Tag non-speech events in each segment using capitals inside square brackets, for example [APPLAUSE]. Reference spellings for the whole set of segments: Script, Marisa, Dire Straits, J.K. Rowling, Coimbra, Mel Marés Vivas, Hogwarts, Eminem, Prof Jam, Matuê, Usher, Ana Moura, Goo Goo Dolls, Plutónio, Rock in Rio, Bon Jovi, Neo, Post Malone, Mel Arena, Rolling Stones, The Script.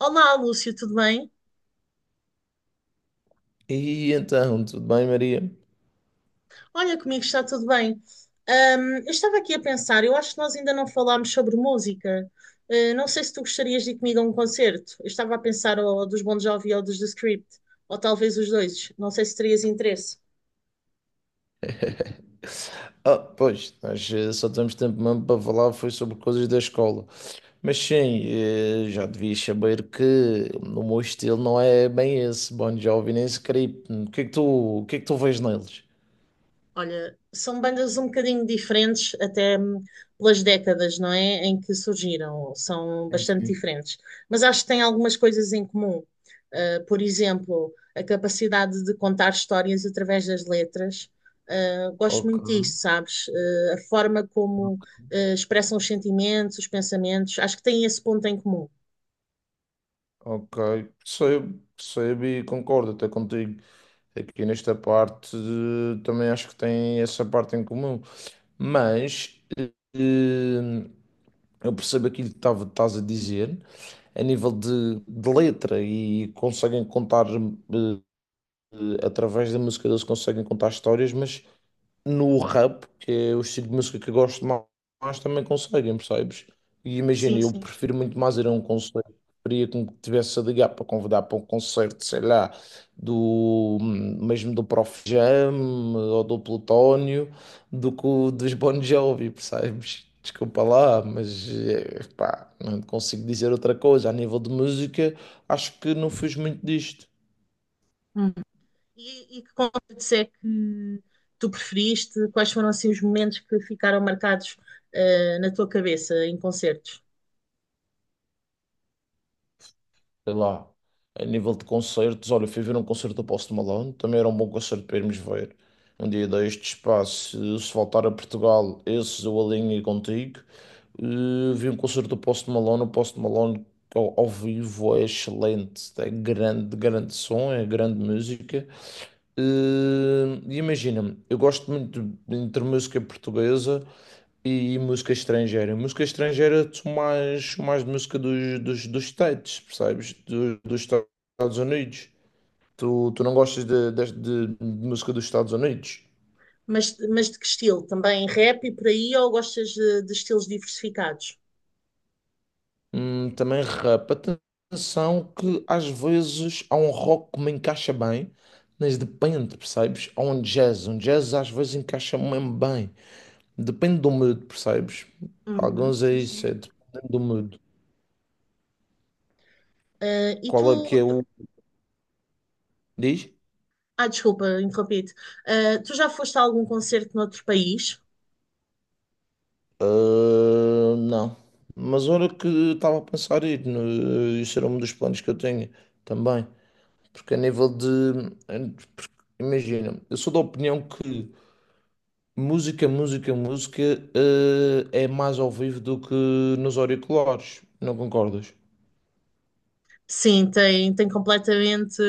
Olá, Lúcio, tudo bem? E então, tudo bem, Maria? Olha, comigo está tudo bem. Eu estava aqui a pensar, eu acho que nós ainda não falámos sobre música. Não sei se tu gostarias de ir comigo a um concerto. Eu estava a pensar ou dos Bon Jovi ou dos The Script, ou talvez os dois. Não sei se terias interesse. [LAUGHS] Ah, pois, só temos tempo mesmo para falar foi sobre coisas da escola. Mas sim, já devias saber que o meu estilo não é bem esse, Bon Jovi nem Script. O que é que tu vês neles? Olha, são bandas um bocadinho diferentes, até pelas décadas, não é? Em que surgiram, são bastante Sim. diferentes. Mas acho que têm algumas coisas em comum. Por exemplo, a capacidade de contar histórias através das letras. Gosto Ok, muito disso, sabes? A forma como, expressam os sentimentos, os pensamentos. Acho que têm esse ponto em comum. ok, percebo, percebo e concordo até contigo. Aqui nesta parte, também acho que tem essa parte em comum, mas eh, eu percebo aquilo que estás a dizer, a nível de letra, e conseguem contar, através da música, eles conseguem contar histórias, mas no rap, que é o estilo de música que eu gosto mais, também conseguem, percebes? E imagina, Sim, eu sim. prefiro muito mais ir a um concerto. Preferia que me tivesse a ligar para convidar para um concerto, sei lá, do mesmo do Prof Jam ou do Plutónio, do que o dos Bon Jovi, percebes? Desculpa lá, mas pá, não consigo dizer outra coisa. A nível de música, acho que não fiz muito disto. E que concertos é que tu preferiste? Quais foram assim os momentos que ficaram marcados na tua cabeça em concertos? Sei lá, a nível de concertos, olha, fui ver um concerto do Post Malone, também era um bom concerto para irmos ver. Um dia deste espaço, se se voltar a Portugal, esses eu alinho contigo. Vi um concerto do Post Malone, o Post Malone ao vivo é excelente, é grande, grande som, é grande música. E imagina-me, eu gosto muito entre música portuguesa. E música estrangeira? Música estrangeira, tu mais, mais de música dos States, percebes? Dos Estados Unidos. Tu não gostas de música dos Estados Unidos? Mas de que estilo? Também rap e por aí ou gostas de estilos diversificados? Também rap. Atenção que às vezes há um rock que me encaixa bem, mas depende, percebes? Há um jazz. Um jazz às vezes encaixa mesmo bem. Depende do mood, percebes? Uhum, Alguns é sim, sim. isso, é dependendo do mood. E tu, Qual é que é tu- o... Diz? Ah, desculpa, interrompi-te. Tu já foste a algum concerto noutro país? Ah, não. Mas olha que estava a pensar ir, isso era um dos planos que eu tenho também. Porque a nível de. Porque, imagina, eu sou da opinião que música ah, é mais ao vivo do que nos auriculares. Não concordas? Sim, tem, tem completamente,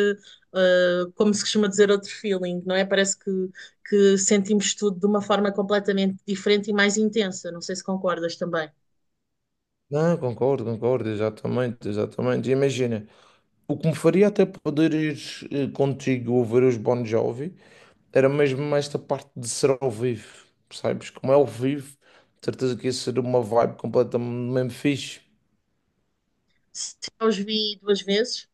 como se costuma dizer, outro feeling, não é? Parece que sentimos tudo de uma forma completamente diferente e mais intensa. Não sei se concordas também. Não, concordo, concordo, exatamente, exatamente. Imagina, o que me faria até poder ir, contigo ouvir os Bon Jovi. Era mesmo esta parte de ser ao vivo, percebes? Como é ao vivo, de certeza que ia ser uma vibe completamente mesmo fixe. Eu os vi duas vezes,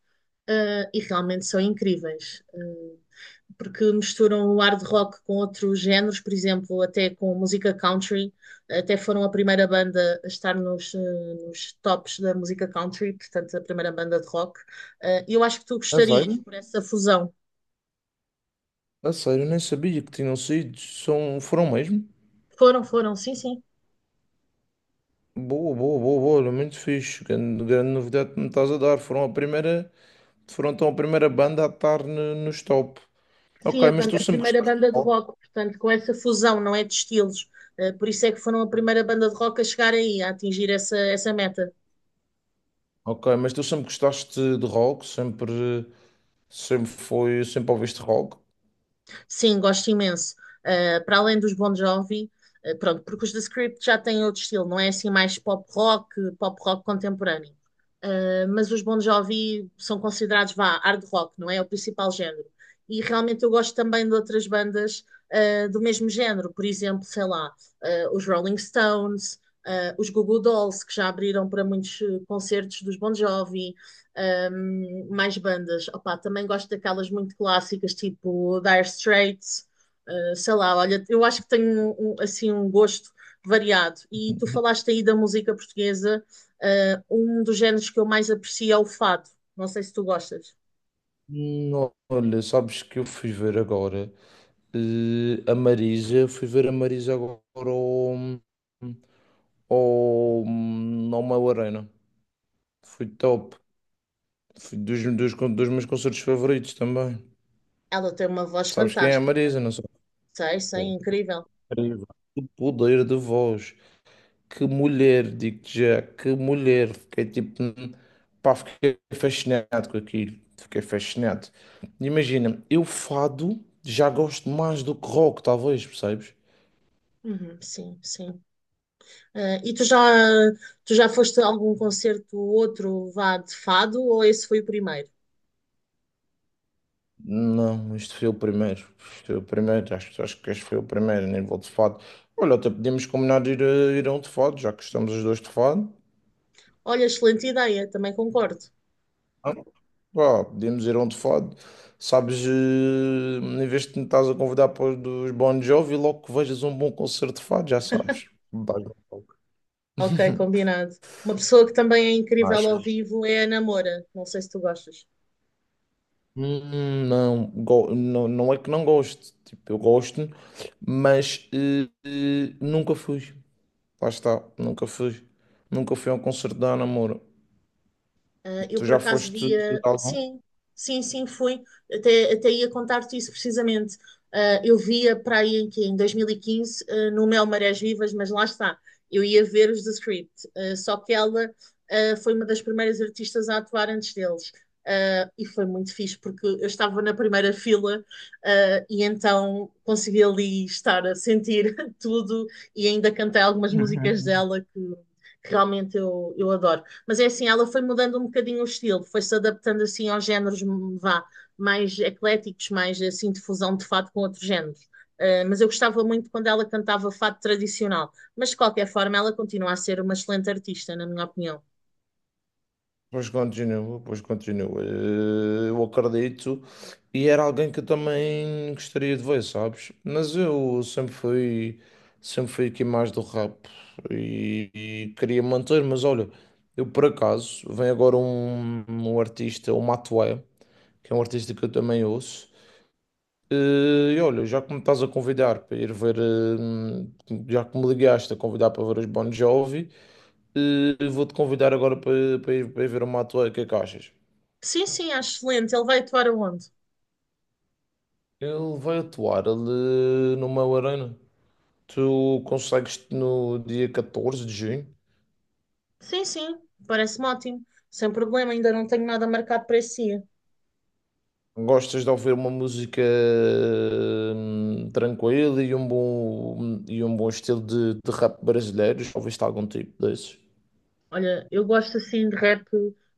e realmente são incríveis, porque misturam o hard rock com outros géneros, por exemplo, até com música country. Até foram a primeira banda a estar nos, nos tops da música country, portanto, a primeira banda de rock. E eu acho que tu A gostarias sério? por essa fusão. A sério, nem sabia que tinham sido. São, foram mesmo? Foram, foram, sim, sim. Boa, boa, boa, boa, olha, muito fixe. Grande, grande novidade que me estás a dar. Foram a primeira, foram então a primeira banda a estar nos top. Sim, Ok, a, mas banda- tu a sempre primeira gostaste de banda de rock. rock, portanto, com essa fusão, não é de estilos. Por isso é que foram a primeira banda de rock a chegar aí, a atingir essa, essa meta. Ok, mas tu sempre gostaste de rock, sempre, sempre foi, sempre ouviste rock. Sim, gosto imenso. Para além dos Bon Jovi, pronto, porque os The Script já têm outro estilo, não é assim mais pop rock contemporâneo. Mas os Bon Jovi são considerados, vá, hard rock, não é? É o principal género. E realmente eu gosto também de outras bandas do mesmo género, por exemplo, sei lá, os Rolling Stones, os Goo Goo Dolls, que já abriram para muitos concertos dos Bon Jovi. Mais bandas. Opa, também gosto daquelas muito clássicas, tipo Dire Straits, sei lá, olha, eu acho que tenho assim um gosto variado. E tu falaste aí da música portuguesa, um dos géneros que eu mais aprecio é o fado. Não sei se tu gostas. Não, olha, sabes que eu fui ver agora. A Marisa, fui ver a Marisa agora ao, ao Mel Arena. Foi top. Foi dos meus concertos favoritos também. Ela tem uma voz Sabes quem é a fantástica. Marisa? Não sei. Sei, sei, Pô, incrível. incrível. O poder de voz. Que mulher, digo-te já, que mulher. Fiquei tipo, pá, fiquei fascinado com aquilo. Fiquei fascinado. Imagina, eu fado já gosto mais do que rock, talvez, percebes? Uhum, sim, sim. E tu já foste a algum concerto ou outro vá de fado ou esse foi o primeiro? Não, este foi o primeiro. Este foi o primeiro, acho, acho que este foi o primeiro, nem vou de fado. Olha, até podíamos combinar de ir, ir a um de fado, já que estamos os dois de fado. Olha, excelente ideia, também concordo. Ah, pá, podíamos ir a um de fado. Sabes, em vez de me estás a convidar para os dos Bon Jovi, logo que vejas um bom concerto de fado, já sabes. Dás-me um toque. Ok, [LAUGHS] combinado. Uma pessoa que também é incrível Mas, ao vivo é a Ana Moura. Não sei se tu gostas. Não, não, não é que não gosto. Tipo, eu gosto, mas nunca fui. Lá está, nunca fui. Nunca fui a um concerto da Ana Moura. Eu Tu por já acaso foste de via, algum? sim, sim, sim, fui, até, até ia contar-te isso precisamente. Eu via para aí em, que, em 2015 no Mel Marés Vivas, mas lá está, eu ia ver os The Script. Só que ela foi uma das primeiras artistas a atuar antes deles. E foi muito fixe, porque eu estava na primeira fila, e então consegui ali estar a sentir [LAUGHS] tudo e ainda cantei algumas músicas dela que realmente eu adoro. Mas é assim, ela foi mudando um bocadinho o estilo, foi-se adaptando assim aos géneros vá, mais ecléticos, mais assim de fusão de fado com outros géneros. Mas eu gostava muito quando ela cantava fado tradicional. Mas de qualquer forma, ela continua a ser uma excelente artista, na minha opinião. Pois continua, pois continua. Eh, eu acredito. E era alguém que eu também gostaria de ver, sabes? Mas eu sempre fui aqui mais do rap e queria manter, mas olha, eu por acaso, vem agora um artista, o Matuê, que é um artista que eu também ouço. E olha, já que me estás a convidar para ir ver, já que me ligaste a convidar para ver os Bon Jovi, vou-te convidar agora para ir ver o Mato. O que é que achas? Sim, sim, acho excelente. Ele vai atuar aonde? Ele vai atuar ali no meu Arena. Tu consegues no dia 14 de junho? Sim, sim, parece-me ótimo. Sem problema, ainda não tenho nada marcado para esse dia. Gostas de ouvir uma música tranquila e um bom estilo de rap brasileiro? Já ouviste algum tipo desses? Olha, eu gosto assim de rap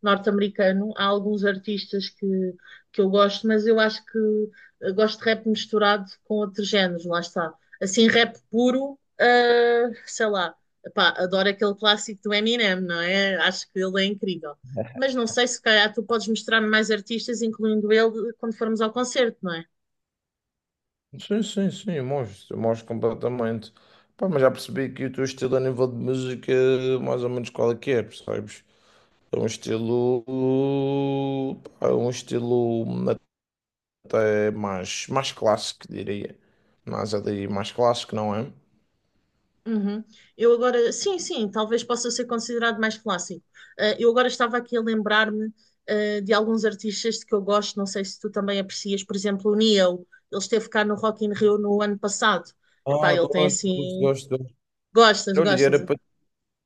norte-americano. Há alguns artistas que eu gosto, mas eu acho que eu gosto de rap misturado com outros géneros, lá está. Assim, rap puro, sei lá, epá, adoro aquele clássico do Eminem, não é? Acho que ele é incrível. Mas não sei se calhar tu podes mostrar mais artistas, incluindo ele, quando formos ao concerto, não é? Sim, sim, sim, mostro, mostro completamente. Pá, mas já percebi que o teu estilo a nível de música é mais ou menos qual é que é, percebes? É um estilo, pá, é um estilo até mais, mais clássico, diria. Mas ali mais clássico, não é? Uhum. Eu agora, sim, sim, talvez possa ser considerado mais clássico. Eu agora estava aqui a lembrar-me, de alguns artistas de que eu gosto, não sei se tu também aprecias, por exemplo, o Neo, ele esteve cá no Rock in Rio no ano passado. Epá, Ah, ele gosto, tem gosto, assim. gosto, gosto. Gostas, Olha, e gostas? era para,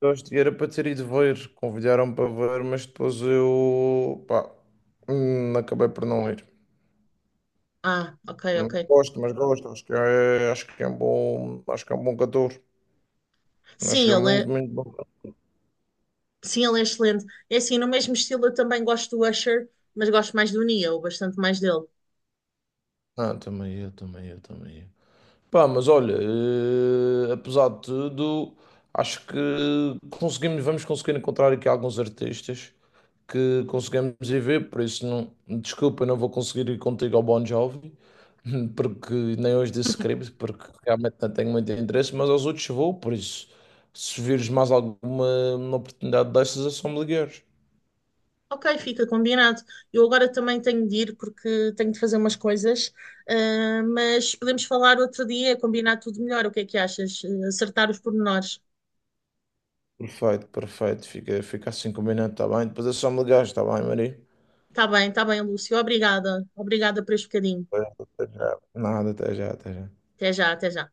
gosto, e era para ter ido ver, convidaram para ver, mas depois eu, pá, acabei por não ir. Ah, ok, ok. Gosto, mas gosto, acho que é um bom, acho que é um bom cantor. Acho Sim, que é ele muito, é, muito bom. sim, ele é excelente. É assim, no mesmo estilo eu também gosto do Usher, mas gosto mais do Neo, bastante mais dele. Ah, também eu, também eu, também eu. Pá, mas olha, apesar de tudo, acho que conseguimos, vamos conseguir encontrar aqui alguns artistas que conseguimos ir ver, por isso não, desculpa, não vou conseguir ir contigo ao Bon Jovi, [LAUGHS] porque nem hoje disse script, porque realmente não tenho muito interesse, mas aos outros vou, por isso, se vires mais alguma oportunidade dessas, é só me ligares. Ok, fica combinado. Eu agora também tenho de ir porque tenho de fazer umas coisas, mas podemos falar outro dia, combinar tudo melhor. O que é que achas? Acertar os pormenores. Perfeito, perfeito, fica, fica assim combinado, tá bem? Depois é só me ligares, está bem, Maria? Tá bem, Lúcio. Obrigada. Obrigada por este bocadinho. Pois, até já. Nada, até já, até já. Até já, até já.